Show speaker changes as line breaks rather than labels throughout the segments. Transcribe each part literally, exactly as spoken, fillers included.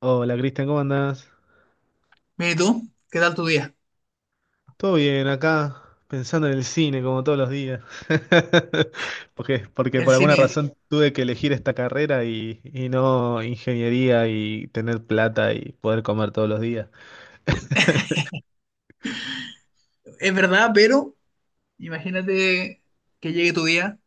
Hola Cristian, ¿cómo andás?
Mira, ¿y tú? ¿Qué tal tu día?
Todo bien, acá pensando en el cine como todos los días. Porque, porque
El
por alguna
cine
razón tuve que elegir esta carrera y, y no ingeniería y tener plata y poder comer todos los días.
es verdad, pero imagínate que llegue tu día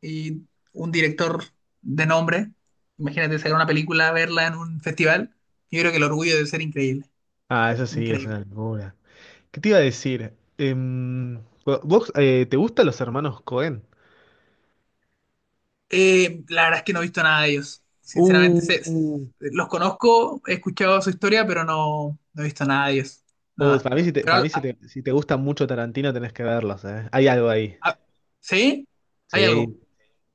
y un director de nombre, imagínate sacar una película, verla en un festival, yo creo que el orgullo debe ser increíble,
Ah, eso sí, es
increíble.
una locura. ¿Qué te iba a decir? Em, ¿vos eh, te gustan los hermanos Cohen?
Eh, la verdad es que no he visto nada de ellos,
Uh,
sinceramente, sé-
uh,
los conozco, he escuchado su historia, pero no, no he visto nada de ellos,
Uh,
nada.
para mí, si te,
Pero,
para mí
al-
si
a-
te, si te gusta mucho Tarantino tenés que verlos, ¿eh? Hay algo ahí.
a- ¿sí? Hay algo.
Sí,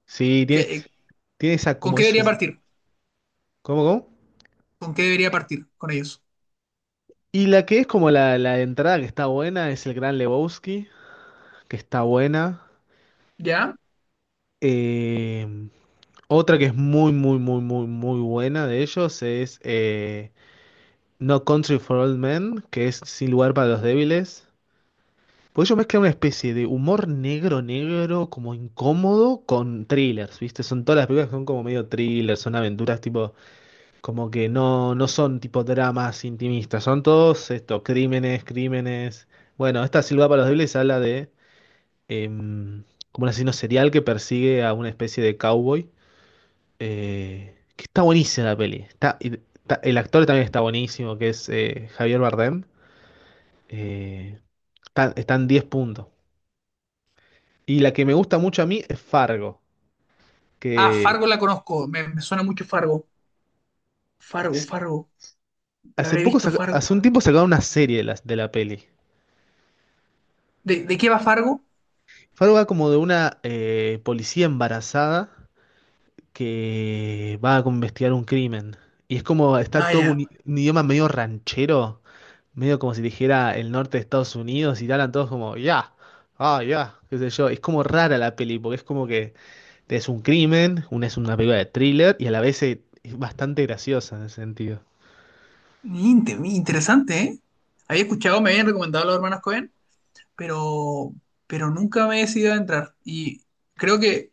sí, tiene,
que-
tiene esa,
¿Con
como
qué
es
debería
un.
partir?
¿Cómo, cómo?
¿Con qué debería partir con ellos?
Y la que es como la, la entrada que está buena es el Gran Lebowski, que está buena.
¿Ya?
Eh, Otra que es muy, muy, muy, muy, muy buena de ellos es eh, No Country for Old Men, que es Sin lugar para los débiles. Pues ellos mezclan una especie de humor negro, negro, como incómodo, con thrillers, ¿viste? Son todas las películas que son como medio thrillers, son aventuras tipo, como que no, no son tipo dramas intimistas, son todos esto, crímenes, crímenes. Bueno, esta Silva para los débiles habla de em, como un asesino serial que persigue a una especie de cowboy. Eh, que está buenísima la peli. Está, y- está- el actor también está buenísimo, que es eh, Javier Bardem. Eh, está- Están diez puntos. Y la que me gusta mucho a mí es Fargo,
Ah,
que
Fargo la conozco, me, me suena mucho Fargo. Fargo,
sí,
Fargo. ¿La
hace
habré
poco,
visto
saca-
Fargo?
hace un tiempo sacaron una serie de la, de la peli.
¿De, de qué va Fargo?
Fargo va como de una eh, policía embarazada que va a investigar un crimen. Y es como, está
Ah,
todo
ya.
un un idioma medio ranchero, medio como si dijera el norte de Estados Unidos, y te hablan todos como, ya, ah, ya, qué sé yo. Es como rara la peli, porque es como que es un crimen, una es una película de thriller, y a la vez es, es bastante graciosa en ese sentido.
Inte- interesante, ¿eh? Había escuchado, me habían recomendado a los hermanos Cohen, pero, pero nunca me he decidido a entrar. Y creo que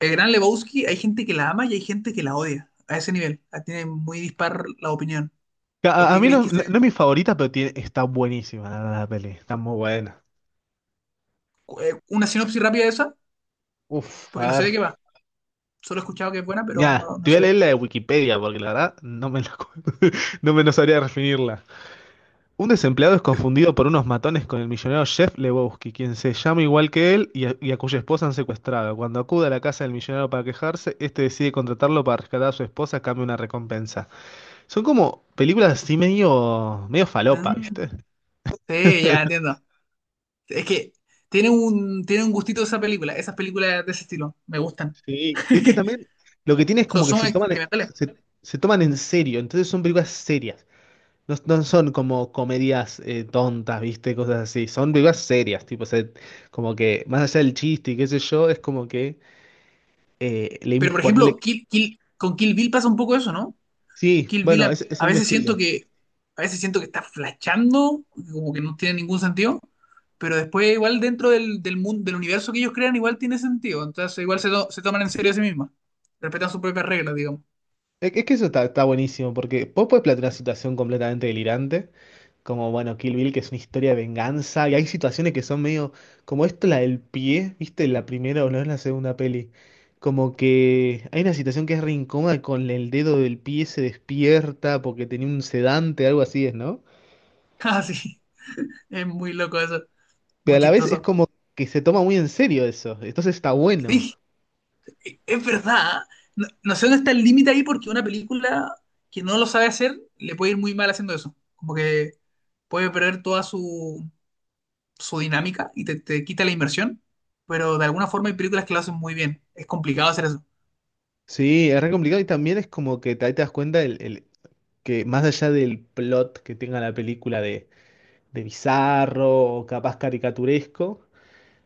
el gran Lebowski, hay gente que la ama y hay gente que la odia. A ese nivel. Ah, tiene muy dispar la opinión. ¿Por
A, a-
qué
mí
creéis
no,
que
no-
se...
no es mi favorita, pero tiene- está buenísima, la, verdad, la peli, está muy buena.
cu- eh, una sinopsis rápida de esa?
Uf,
Porque
a
no sé de
ver.
qué va. Solo he escuchado que es buena, pero
Mira,
no, no
te voy a
sé de
leer
qué.
la de Wikipedia porque la verdad no me la acuerdo. No me no sabría definirla. Un desempleado es confundido por unos matones con el millonario Jeff Lebowski, quien se llama igual que él, y a, y a cuya esposa han secuestrado. Cuando acude a la casa del millonario para quejarse, este decide contratarlo para rescatar a su esposa a cambio de una recompensa. Son como películas así medio, medio
Ah,
falopa, ¿viste?
sí, ya entiendo. Es que tiene un, tiene un gustito esa película, esas películas de ese estilo, me gustan.
Sí, es que también lo que tiene es
Son,
como que
son
se toman,
experimentales.
se, se toman en serio, entonces son películas serias. No, no son como comedias eh, tontas, ¿viste? Cosas así. Son películas serias, tipo, se- como que más allá del chiste y qué sé yo, es como que Eh, le im-
Pero por
ponerle-
ejemplo, Kill, Kill- con Kill Bill pasa un poco eso, ¿no?
Sí,
Kill Bill
bueno,
a,
ese,
a
ese es mi
veces
estilo.
siento que a veces siento que está flachando, como que no tiene ningún sentido, pero después igual dentro del, del mundo, del universo que ellos crean igual tiene sentido, entonces igual se, to- se toman en serio a sí mismos, respetan sus propias reglas, digamos.
Es, que es que eso está, está buenísimo, porque vos podés plantear una situación completamente delirante, como, bueno, Kill Bill, que es una historia de venganza, y hay situaciones que son medio, como esto, la del pie, ¿viste? La primera o no, es la segunda peli. Como que hay una situación que es re incómoda, con el dedo del pie se despierta porque tenía un sedante, algo así es, ¿no?
Ah, sí, es muy loco eso,
Pero
muy
a la vez es
chistoso.
como que se toma muy en serio eso, entonces está bueno.
Sí. Es verdad. No, no sé dónde está el límite ahí porque una película que no lo sabe hacer le puede ir muy mal haciendo eso. Como que puede perder toda su, su dinámica y te, te quita la inversión. Pero de alguna forma hay películas que lo hacen muy bien. Es complicado hacer eso.
Sí, es re complicado, y también es como que te- ahí te das cuenta el, el- que más allá del plot que tenga la película de, de bizarro o capaz caricaturesco,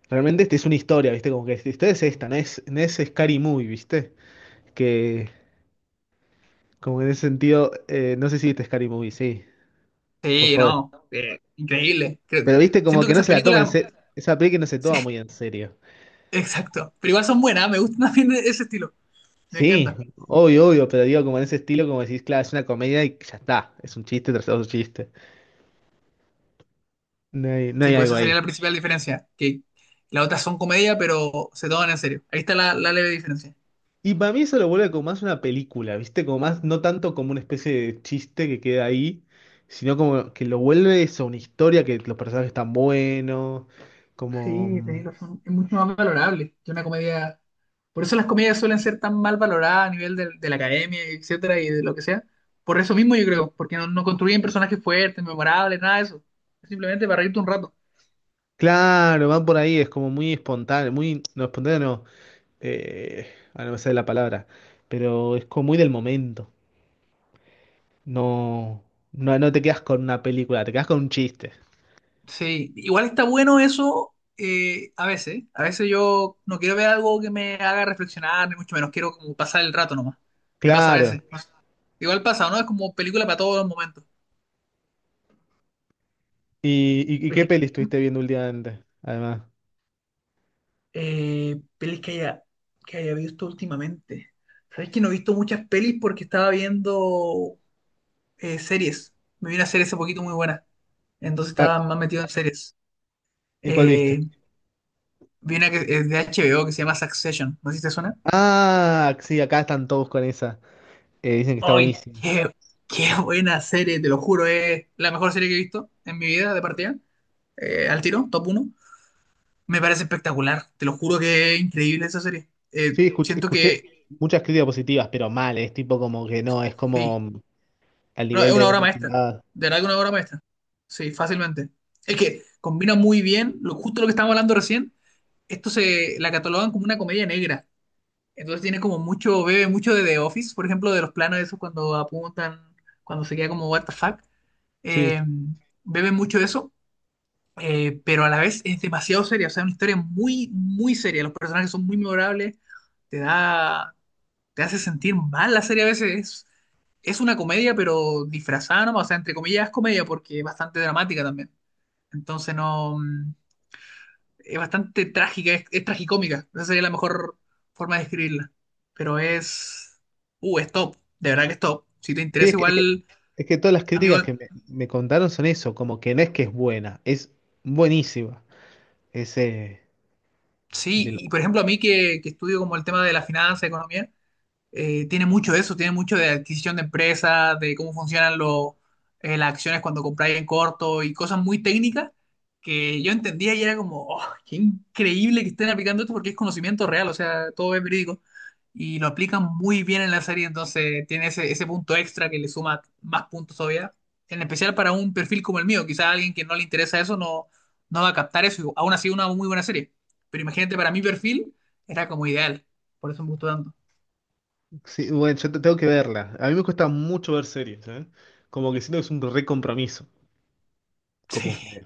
realmente esta es una historia, ¿viste? Como que esta historia es esta, no es, no es Scary Movie, ¿viste? Que como que en ese sentido, eh, no sé si viste Scary Movie, sí, por
Sí,
favor.
no. Eh, increíble. Creo-
Pero viste como
siento que
que no
esas
se la toma en
películas...
serio, esa película no se
Sí,
toma muy en serio.
exacto. Pero igual son buenas. Me gusta también ese estilo. Me
Sí,
encanta.
obvio, obvio, pero digo como en ese estilo, como decís, claro, es una comedia y ya está, es un chiste tras otro chiste. No hay, no
Sí,
hay
pues
algo
esa
ahí.
sería la principal diferencia. Que las otras son comedia, pero se toman en serio. Ahí está la la leve diferencia.
Y para mí eso lo vuelve como más una película, ¿viste? Como más, no tanto como una especie de chiste que queda ahí, sino como que lo vuelve eso, una historia, que los personajes están buenos, como.
Sí,
mm,
tenéis razón. Es mucho más valorable que una comedia. Por eso las comedias suelen ser tan mal valoradas a nivel del- de, la academia, etcétera, y de lo que sea. Por eso mismo yo creo, porque no, no construyen personajes fuertes, memorables, nada de eso. Es simplemente para reírte un rato.
Claro, van por ahí, es como muy espontáneo, muy. No, espontáneo no, eh, ah, no me sale la palabra, pero es como muy del momento. No, no, no te quedas con una película, te quedas con un chiste.
Sí, igual está bueno eso eh, a veces. A veces yo no quiero ver algo que me haga reflexionar, ni mucho menos. Quiero como pasar el rato nomás. Me pasa a
Claro.
veces. Igual pasa, ¿no? Es como película para todos los momentos.
¿Y, y, y qué peli estuviste viendo últimamente? Además.
eh, pelis que haya, que haya visto últimamente. Sabes que no he visto muchas pelis porque estaba viendo eh, series. Me vi una serie hace poquito muy buena. Entonces
Ah,
estaba más metido en series.
¿y cuál viste?
Eh, Vi una que es de H B O que se llama Succession. ¿No sé si te suena?
Ah, sí, acá están todos con esa. Eh, dicen que está
¡Ay,
buenísima.
qué, qué buena serie! Te lo juro, es la mejor serie que he visto en mi vida de partida. Eh, al tiro, top uno. Me parece espectacular. Te lo juro que es increíble esa serie. Eh,
Sí, escuché,
siento
escuché
que
muchas críticas positivas, pero mal, es tipo como que no, es
sí,
como al
No,
nivel
es una
de
obra
Breaking
maestra.
Bad.
De verdad que una obra maestra. Sí, fácilmente. Es que combina muy bien, lo, justo lo que estábamos hablando recién, esto se la catalogan como una comedia negra. Entonces tiene como mucho, bebe mucho de The Office, por ejemplo, de los planos esos cuando apuntan, cuando se queda como what the fuck. Eh,
Sí,
Bebe mucho de eso, eh, pero a la vez es demasiado seria, o sea, es una historia muy, muy seria. Los personajes son muy memorables, te da, te hace sentir mal la serie a veces, es una comedia, pero disfrazada nomás, o sea, entre comillas es comedia porque es bastante dramática también. Entonces no, mm, Es bastante trágica, es, es tragicómica, esa sería la mejor forma de describirla. Pero es, uh, es top, de verdad que es top. Si te
sí, es
interesa
que, es que,
igual,
es que todas las
amigo,
críticas que me, me contaron son eso, como que no es que es buena, es buenísima. Es, eh, de
sí,
lo-
y por ejemplo a mí que, que estudio como el tema de la finanza, economía, eh, tiene mucho de eso, tiene mucho de adquisición de empresas, de cómo funcionan los eh, las acciones cuando compráis en corto y cosas muy técnicas que yo entendía y era como, oh, qué increíble que estén aplicando esto porque es conocimiento real, o sea, todo es verídico. Y lo aplican muy bien en la serie, entonces tiene ese, ese punto extra que le suma más puntos todavía. En especial para un perfil como el mío, quizás a alguien que no le interesa eso no, no va a captar eso, y aún así una muy buena serie. Pero imagínate, para mi perfil era como ideal, por eso me gustó tanto.
sí, bueno, yo te- tengo que verla. A mí me cuesta mucho ver series, ¿eh? Como que siento que es un re compromiso. Como
Sí.
que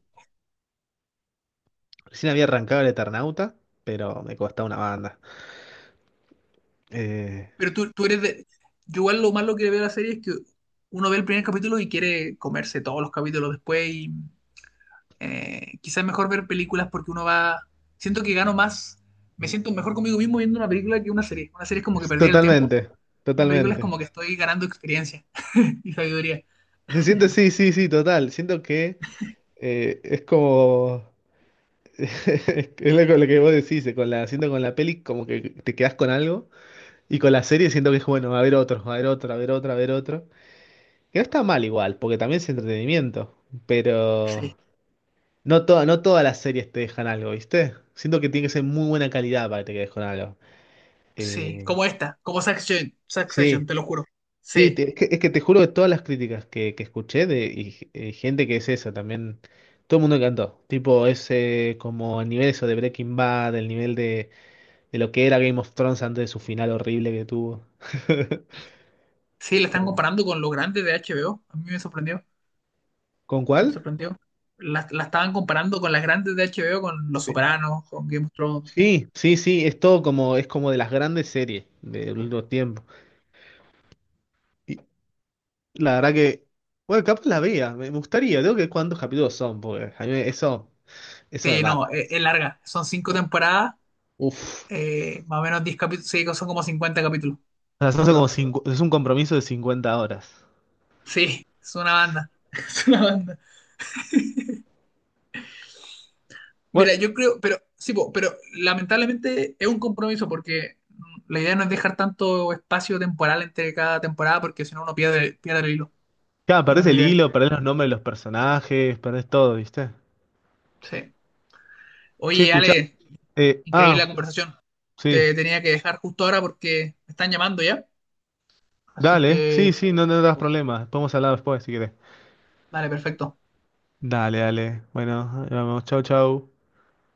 recién había arrancado el Eternauta, pero me cuesta una banda. Eh,
Pero tú, tú eres de... Yo igual lo malo que veo de la serie es que uno ve el primer capítulo y quiere comerse todos los capítulos después y eh, quizás es mejor ver películas porque uno va... Siento que gano más, me siento mejor conmigo mismo viendo una película que una serie. Una serie es como que perdí el tiempo,
Totalmente,
una película es
totalmente.
como que estoy ganando experiencia y sabiduría.
Se siente, sí, sí, sí, total. Siento que eh, es como, es lo, lo que vos decís, eh, con la, siento con la peli como que te quedás con algo, y con la serie siento que es bueno, a ver otro, a ver otro, a ver otro, a ver otro. Que no está mal igual, porque también es entretenimiento, pero
Sí,
no, toda, no todas las series te dejan algo, ¿viste? Siento que tiene que ser muy buena calidad para que te quedes con algo.
sí,
Eh,
como esta, como Succession,
sí,
Succession, te lo juro.
sí,
Sí,
te- es que, es que te juro, de todas las críticas que, que escuché de y, eh, gente, que es eso también, todo el mundo encantó. Tipo, es eh, como el nivel, eso de Breaking Bad, el nivel de, de lo que era Game of Thrones antes de su final horrible que tuvo.
sí, la están
Eh,
comparando con lo grande de H B O, a mí me sorprendió.
¿Con cuál?
Me sorprendió. La, la estaban comparando con las grandes de H B O, con Los
Sí.
Sopranos, con Game of Thrones.
Sí, sí, sí, es todo como, es como de las grandes series del último tiempo. Y la verdad que, bueno, capaz la vea, me me gustaría, tengo que ver cuántos capítulos son, porque a mí eso, eso me
Sí, no,
mata.
es, es larga. Son cinco temporadas,
Uf.
eh, más o menos diez capítulos. Sí, son como cincuenta capítulos,
O sea, son como
aprox.
cincu- es un compromiso de cincuenta horas.
Sí, es una banda. Es una banda. Mira,
Bueno,
yo creo, pero sí, po, pero lamentablemente es un compromiso porque la idea no es dejar tanto espacio temporal entre cada temporada porque si no uno pierde, pierde el hilo.
claro,
No
perdés
es lo
el
ideal.
hilo, perdés los nombres de los personajes, perdés todo, ¿viste?
Sí.
Che,
Oye,
escuchá.
Ale,
Eh,
increíble
ah,
la conversación.
sí.
Te tenía que dejar justo ahora porque me están llamando ya. Así
Dale,
que,
sí, sí, no, no das
eso.
problemas. Podemos hablar después si querés.
Dale, perfecto.
Dale, dale. Bueno, ahí vamos, chau, chau.